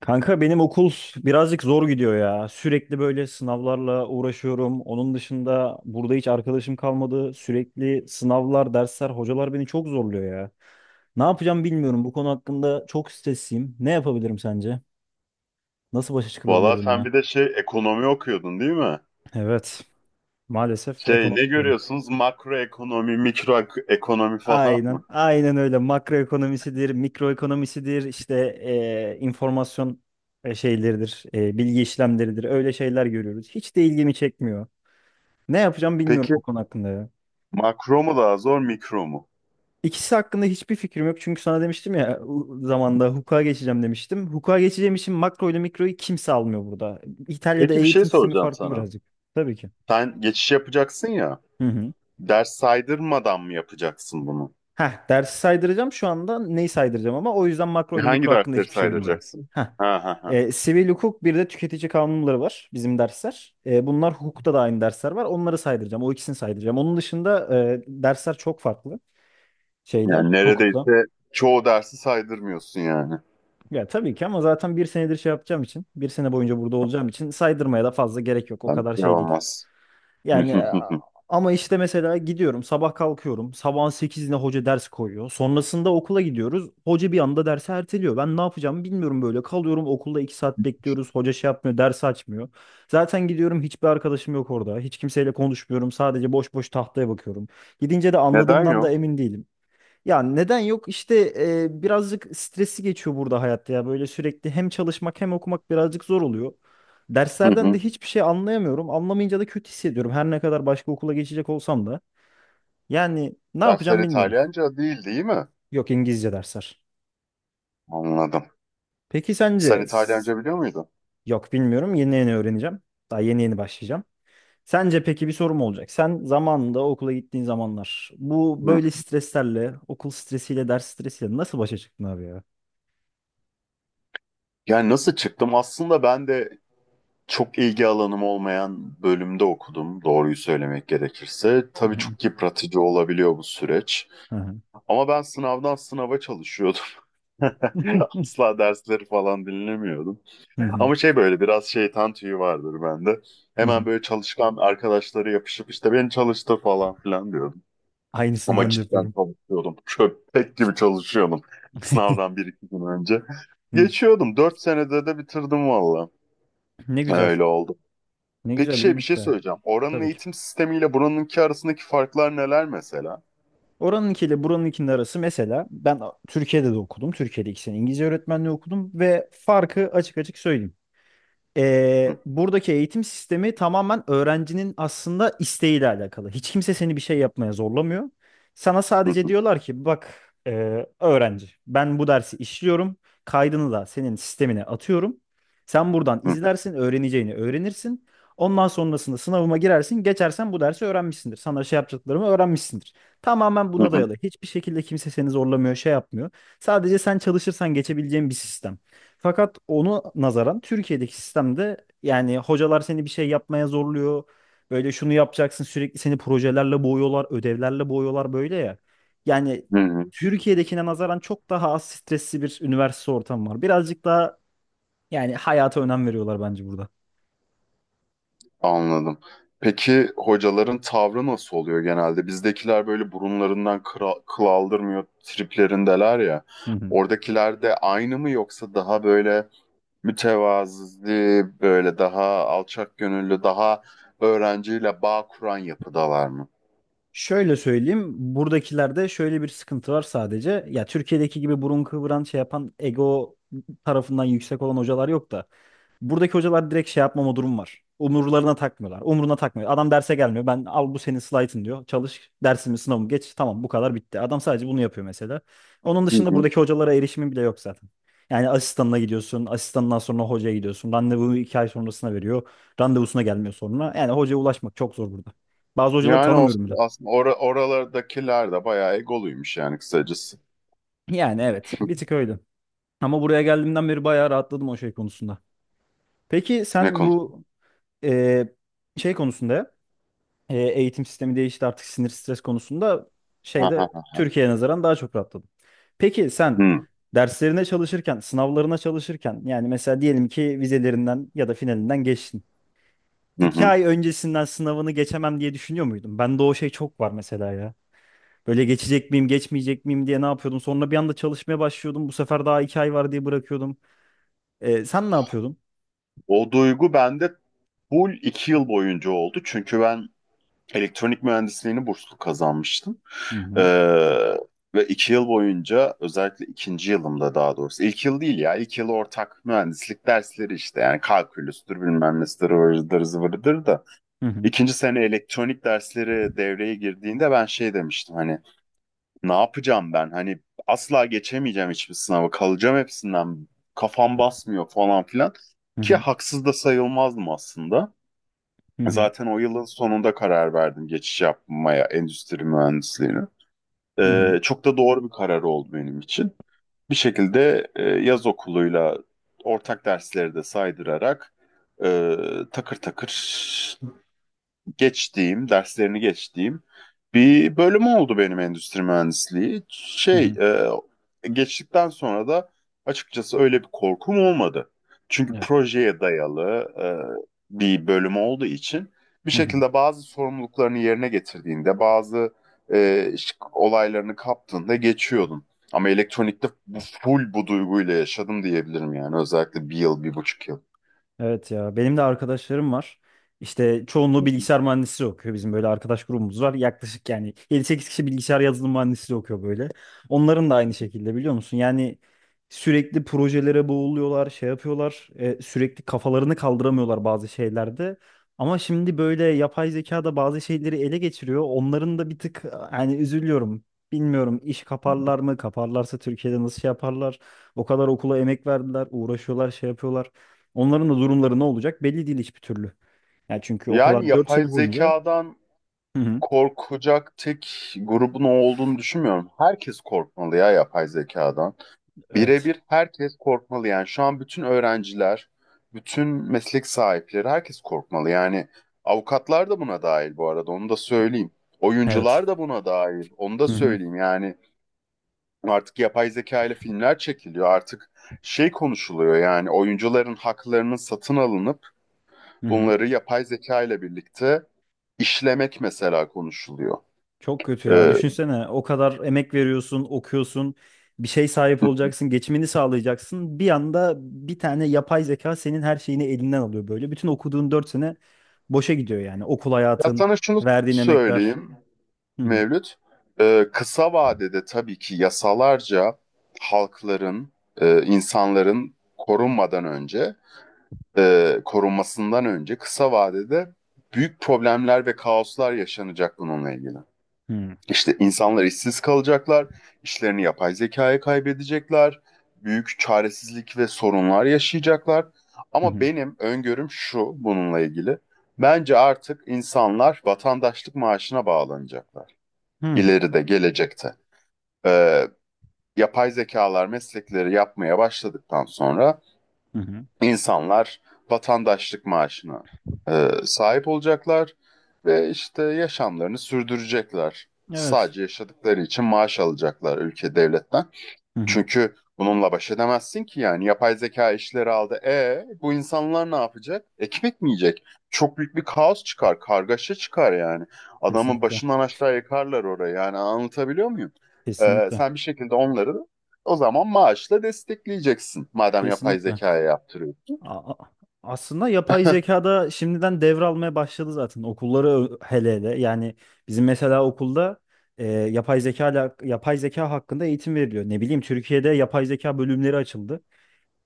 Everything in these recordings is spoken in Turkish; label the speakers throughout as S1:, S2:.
S1: Kanka benim okul birazcık zor gidiyor ya. Sürekli böyle sınavlarla uğraşıyorum. Onun dışında burada hiç arkadaşım kalmadı. Sürekli sınavlar, dersler, hocalar beni çok zorluyor ya. Ne yapacağım bilmiyorum. Bu konu hakkında çok stresliyim. Ne yapabilirim sence? Nasıl başa çıkılabilir
S2: Valla sen
S1: bununla?
S2: bir de ekonomi okuyordun değil mi?
S1: Evet, maalesef ekonomi
S2: Ne
S1: okuyorum.
S2: görüyorsunuz? Makro ekonomi, ekonomi falan mı?
S1: Aynen, aynen öyle. Makroekonomisidir, mikroekonomisidir, işte informasyon şeyleridir, bilgi işlemleridir. Öyle şeyler görüyoruz. Hiç de ilgimi çekmiyor. Ne yapacağım bilmiyorum
S2: Peki
S1: o konu hakkında ya.
S2: makro mu daha zor, mikro mu?
S1: İkisi hakkında hiçbir fikrim yok. Çünkü sana demiştim ya zamanda hukuka geçeceğim demiştim. Hukuka geçeceğim için makro ile mikroyu kimse almıyor burada. İtalya'da
S2: Peki bir şey
S1: eğitim sistemi
S2: soracağım
S1: farklı
S2: sana.
S1: birazcık. Tabii ki.
S2: Sen geçiş yapacaksın ya.
S1: Hı hı.
S2: Ders saydırmadan mı yapacaksın bunu?
S1: Heh, dersi saydıracağım şu anda neyi saydıracağım ama o yüzden makro ile
S2: Hangi
S1: mikro hakkında
S2: dersleri
S1: hiçbir şey bilmiyorum.
S2: saydıracaksın?
S1: Heh.
S2: Ha ha ha.
S1: Sivil hukuk bir de tüketici kanunları var bizim dersler. Bunlar hukukta da aynı dersler var. Onları saydıracağım. O ikisini saydıracağım. Onun dışında dersler çok farklı şeyle
S2: Yani
S1: hukukla.
S2: neredeyse çoğu dersi saydırmıyorsun yani.
S1: Ya tabii ki ama zaten bir senedir şey yapacağım için, bir sene boyunca burada olacağım için saydırmaya da fazla gerek yok. O
S2: Yani
S1: kadar
S2: şey
S1: şey değil.
S2: olmaz.
S1: Yani ama işte mesela gidiyorum, sabah kalkıyorum. Sabahın sekizinde hoca ders koyuyor. Sonrasında okula gidiyoruz. Hoca bir anda dersi erteliyor. Ben ne yapacağımı bilmiyorum böyle. Kalıyorum okulda 2 saat bekliyoruz. Hoca şey yapmıyor, ders açmıyor. Zaten gidiyorum hiçbir arkadaşım yok orada. Hiç kimseyle konuşmuyorum. Sadece boş boş tahtaya bakıyorum. Gidince de
S2: Neden
S1: anladığımdan da
S2: yok?
S1: emin değilim. Ya neden yok? İşte birazcık stresi geçiyor burada hayatta ya. Böyle sürekli hem çalışmak hem okumak birazcık zor oluyor.
S2: Hı
S1: Derslerden de
S2: hı.
S1: hiçbir şey anlayamıyorum. Anlamayınca da kötü hissediyorum. Her ne kadar başka okula geçecek olsam da. Yani ne
S2: Dersler
S1: yapacağım bilmiyorum.
S2: İtalyanca değil değil mi?
S1: Yok, İngilizce dersler.
S2: Anladım.
S1: Peki
S2: Sen
S1: sence?
S2: İtalyanca biliyor muydun?
S1: Yok, bilmiyorum. Yeni yeni öğreneceğim. Daha yeni yeni başlayacağım. Sence peki bir sorum olacak. Sen zamanında okula gittiğin zamanlar bu
S2: Hı.
S1: böyle streslerle, okul stresiyle, ders stresiyle nasıl başa çıktın abi ya?
S2: Yani nasıl çıktım? Aslında ben de çok ilgi alanım olmayan bölümde okudum, doğruyu söylemek gerekirse.
S1: Hı
S2: Tabii
S1: hı.
S2: çok yıpratıcı olabiliyor bu süreç.
S1: Hı
S2: Ama ben sınavdan sınava çalışıyordum.
S1: hı.
S2: Asla dersleri falan dinlemiyordum.
S1: Hı hı.
S2: Ama böyle biraz şeytan tüyü vardır bende.
S1: Hı hı.
S2: Hemen böyle çalışkan arkadaşları yapışıp işte beni çalıştır falan filan diyordum.
S1: Aynısını
S2: Ama
S1: ben de
S2: cidden
S1: yapıyorum.
S2: çalışıyordum. Köpek gibi çalışıyordum. Sınavdan bir iki gün önce.
S1: Hı.
S2: Geçiyordum. Dört senede de bitirdim valla.
S1: Ne güzel.
S2: Öyle oldu.
S1: Ne
S2: Peki
S1: güzel,
S2: bir
S1: iyiymiş
S2: şey
S1: baya.
S2: söyleyeceğim. Oranın
S1: Tabii ki.
S2: eğitim sistemiyle buranınki arasındaki farklar neler mesela?
S1: Oranınkiyle buranınkinin arası mesela ben Türkiye'de de okudum. Türkiye'de iki sene İngilizce öğretmenliği okudum ve farkı açık açık söyleyeyim.
S2: Hı,
S1: Buradaki eğitim sistemi tamamen öğrencinin aslında isteğiyle alakalı. Hiç kimse seni bir şey yapmaya zorlamıyor. Sana
S2: hı,
S1: sadece
S2: hı,
S1: diyorlar ki bak öğrenci, ben bu dersi işliyorum. Kaydını da senin sistemine atıyorum. Sen buradan
S2: hı,
S1: izlersin, öğreneceğini öğrenirsin. Ondan sonrasında sınavıma girersin. Geçersen bu dersi öğrenmişsindir. Sana şey yapacaklarımı öğrenmişsindir. Tamamen
S2: hı,
S1: buna dayalı. Hiçbir şekilde kimse seni zorlamıyor, şey yapmıyor. Sadece sen çalışırsan geçebileceğin bir sistem. Fakat onu nazaran Türkiye'deki sistemde yani hocalar seni bir şey yapmaya zorluyor. Böyle şunu yapacaksın, sürekli seni projelerle boğuyorlar, ödevlerle boğuyorlar böyle ya. Yani
S2: hı, hı.
S1: Türkiye'dekine nazaran çok daha az stresli bir üniversite ortamı var. Birazcık daha yani hayata önem veriyorlar bence burada.
S2: Anladım. Peki hocaların tavrı nasıl oluyor genelde? Bizdekiler böyle burunlarından kıra, kıl aldırmıyor triplerindeler ya.
S1: Hı hı.
S2: Oradakiler de aynı mı yoksa daha böyle mütevazi, böyle daha alçak gönüllü, daha öğrenciyle bağ kuran yapıdalar mı?
S1: Şöyle söyleyeyim, buradakilerde şöyle bir sıkıntı var sadece. Ya Türkiye'deki gibi burun kıvıran şey yapan ego tarafından yüksek olan hocalar yok da. Buradaki hocalar direkt şey yapmama durum var. Umurlarına takmıyorlar. Umuruna takmıyor. Adam derse gelmiyor. Ben al bu senin slaytın diyor. Çalış dersimi, sınavımı geç. Tamam, bu kadar bitti. Adam sadece bunu yapıyor mesela. Onun dışında buradaki hocalara erişimin bile yok zaten. Yani asistanına gidiyorsun. Asistanından sonra hocaya gidiyorsun. Randevu iki ay sonrasına veriyor. Randevusuna gelmiyor sonra. Yani hocaya ulaşmak çok zor burada. Bazı hocaları
S2: Yani
S1: tanımıyorum bile.
S2: aslında oralardakiler de bayağı egoluymuş yani kısacası.
S1: Yani evet, bir tık öyle. Ama buraya geldiğimden beri bayağı rahatladım o şey konusunda. Peki
S2: Ne
S1: sen
S2: konu?
S1: bu eee, şey konusunda eğitim sistemi değişti artık, sinir stres konusunda
S2: Ha,
S1: şeyde
S2: ha, ha.
S1: Türkiye'ye nazaran daha çok rahatladım. Peki sen
S2: Hı,
S1: derslerine çalışırken, sınavlarına çalışırken yani mesela diyelim ki vizelerinden ya da finalinden geçtin.
S2: hı,
S1: İki
S2: hı.
S1: ay öncesinden sınavını geçemem diye düşünüyor muydun? Bende o şey çok var mesela ya. Böyle geçecek miyim, geçmeyecek miyim diye ne yapıyordum? Sonra bir anda çalışmaya başlıyordum. Bu sefer daha iki ay var diye bırakıyordum. Sen ne yapıyordun?
S2: O duygu bende full iki yıl boyunca oldu. Çünkü ben elektronik mühendisliğini burslu kazanmıştım.
S1: Hı
S2: Ee,
S1: hı.
S2: Ve iki yıl boyunca özellikle ikinci yılımda daha doğrusu. İlk yıl değil ya. İlk yıl ortak mühendislik dersleri işte. Yani kalkülüstür bilmem nesidir vırıdır zıvırıdır da.
S1: Hı hı.
S2: İkinci sene elektronik dersleri devreye girdiğinde ben şey demiştim, hani ne yapacağım ben? Hani asla geçemeyeceğim hiçbir sınavı. Kalacağım hepsinden. Kafam basmıyor falan filan.
S1: Hı
S2: Ki
S1: hı.
S2: haksız da sayılmazdım aslında.
S1: Hı hı.
S2: Zaten o yılın sonunda karar verdim geçiş yapmaya endüstri mühendisliğine.
S1: Hı hı.
S2: Çok da doğru bir karar oldu benim için. Bir şekilde yaz okuluyla ortak dersleri de saydırarak e, takır takır geçtiğim, derslerini geçtiğim bir bölüm oldu benim endüstri mühendisliği.
S1: Hı hı.
S2: Geçtikten sonra da açıkçası öyle bir korkum olmadı. Çünkü
S1: Evet.
S2: projeye dayalı bir bölüm olduğu için bir
S1: Hı hı.
S2: şekilde bazı sorumluluklarını yerine getirdiğinde, bazı olaylarını kaptığında geçiyordun. Ama elektronikte bu full bu duyguyla yaşadım diyebilirim yani özellikle bir yıl, bir buçuk yıl.
S1: Evet ya, benim de arkadaşlarım var. İşte çoğunluğu bilgisayar mühendisliği okuyor. Bizim böyle arkadaş grubumuz var. Yaklaşık yani yedi sekiz kişi bilgisayar yazılım mühendisliği okuyor böyle. Onların da aynı şekilde, biliyor musun? Yani sürekli projelere boğuluyorlar, şey yapıyorlar. Sürekli kafalarını kaldıramıyorlar bazı şeylerde. Ama şimdi böyle yapay zeka da bazı şeyleri ele geçiriyor. Onların da bir tık yani üzülüyorum. Bilmiyorum, iş kaparlar mı? Kaparlarsa Türkiye'de nasıl şey yaparlar? O kadar okula emek verdiler, uğraşıyorlar, şey yapıyorlar. Onların da durumları ne olacak belli değil hiçbir türlü. Yani çünkü o
S2: Yani
S1: kadar 4
S2: yapay
S1: sene boyunca.
S2: zekadan
S1: Hı hı.
S2: korkacak tek grubun o olduğunu düşünmüyorum. Herkes korkmalı ya yapay zekadan.
S1: Evet.
S2: Birebir herkes korkmalı yani. Şu an bütün öğrenciler, bütün meslek sahipleri herkes korkmalı. Yani avukatlar da buna dahil bu arada onu da söyleyeyim.
S1: Evet.
S2: Oyuncular da buna dahil onu da
S1: Hı hı.
S2: söyleyeyim. Yani artık yapay zeka ile filmler çekiliyor. Artık konuşuluyor yani oyuncuların haklarının satın alınıp
S1: Hı hı.
S2: bunları yapay zeka ile birlikte işlemek mesela konuşuluyor.
S1: Çok kötü ya.
S2: Ee,
S1: Düşünsene o kadar emek veriyorsun, okuyorsun, bir şey sahip olacaksın, geçimini sağlayacaksın. Bir anda bir tane yapay zeka senin her şeyini elinden alıyor böyle. Bütün okuduğun 4 sene boşa gidiyor yani. Okul
S2: Ya
S1: hayatın,
S2: sana şunu
S1: verdiğin emekler.
S2: söyleyeyim
S1: Hı hı.
S2: Mevlüt. Kısa vadede tabii ki yasalarca halkların, insanların korunmadan önce, korunmasından önce kısa vadede büyük problemler ve kaoslar yaşanacak bununla ilgili.
S1: Hı hı.
S2: İşte insanlar işsiz kalacaklar, işlerini yapay zekaya kaybedecekler, büyük çaresizlik ve sorunlar yaşayacaklar. Ama benim öngörüm şu bununla ilgili. Bence artık insanlar vatandaşlık maaşına bağlanacaklar.
S1: Hı hı.
S2: İleride, gelecekte. Ee, Yapay zekalar meslekleri yapmaya başladıktan sonra
S1: Hı hı.
S2: insanlar vatandaşlık maaşına sahip olacaklar ve işte yaşamlarını sürdürecekler.
S1: Evet.
S2: Sadece yaşadıkları için maaş alacaklar ülke devletten.
S1: Hı hı.
S2: Çünkü bununla baş edemezsin ki yani yapay zeka işleri aldı. E bu insanlar ne yapacak? Ekmek mi yiyecek? Çok büyük bir kaos çıkar, kargaşa çıkar yani. Adamın
S1: Kesinlikle.
S2: başından aşağı yıkarlar orayı. Yani anlatabiliyor muyum?
S1: Kesinlikle.
S2: Sen bir şekilde onları o zaman maaşla destekleyeceksin. Madem yapay
S1: Kesinlikle.
S2: zekaya yaptırıyorsun.
S1: A- a- Aslında yapay zekada şimdiden devralmaya başladı zaten okulları hele hele. Yani bizim mesela okulda yapay zeka yapay zeka hakkında eğitim veriliyor. Ne bileyim, Türkiye'de yapay zeka bölümleri açıldı.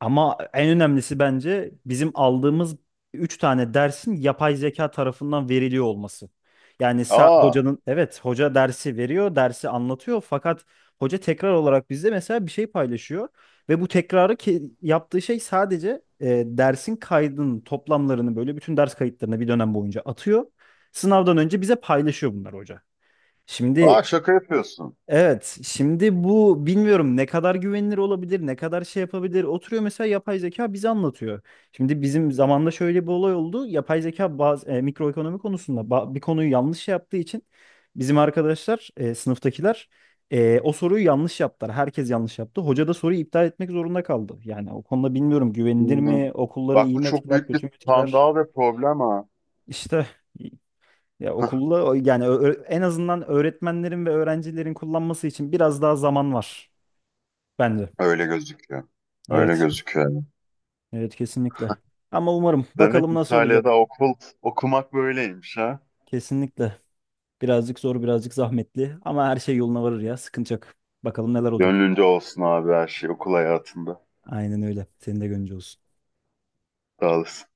S1: Ama en önemlisi bence bizim aldığımız 3 tane dersin yapay zeka tarafından veriliyor olması. Yani
S2: Aa,
S1: hocanın evet, hoca dersi veriyor, dersi anlatıyor fakat hoca tekrar olarak bizde mesela bir şey paylaşıyor ve bu tekrarı ki yaptığı şey sadece dersin kaydının toplamlarını böyle bütün ders kayıtlarını bir dönem boyunca atıyor. Sınavdan önce bize paylaşıyor bunlar hoca. Şimdi
S2: aa, şaka yapıyorsun.
S1: evet, şimdi bu bilmiyorum ne kadar güvenilir olabilir, ne kadar şey yapabilir. Oturuyor mesela yapay zeka bize anlatıyor. Şimdi bizim zamanda şöyle bir olay oldu. Yapay zeka bazı mikroekonomi konusunda bir konuyu yanlış şey yaptığı için bizim arkadaşlar, sınıftakiler o soruyu yanlış yaptılar. Herkes yanlış yaptı. Hoca da soruyu iptal etmek zorunda kaldı. Yani o konuda bilmiyorum, güvenilir
S2: Hmm.
S1: mi, okulları
S2: Bak
S1: iyi
S2: bu
S1: mi
S2: çok
S1: etkiler,
S2: büyük bir
S1: kötü mü etkiler?
S2: skandal ve problem ha.
S1: İşte ya, okulda yani en azından öğretmenlerin ve öğrencilerin kullanması için biraz daha zaman var bence.
S2: Öyle gözüküyor. Öyle
S1: Evet.
S2: gözüküyor.
S1: Evet, kesinlikle. Ama umarım,
S2: Demek
S1: bakalım nasıl olacak.
S2: İtalya'da okumak böyleymiş ha.
S1: Kesinlikle. Birazcık zor, birazcık zahmetli ama her şey yoluna varır ya. Sıkıntı yok. Bakalım neler olacak.
S2: Gönlünce olsun abi her şey okul hayatında.
S1: Aynen öyle. Senin de gönlünce olsun.
S2: Sağ olasın.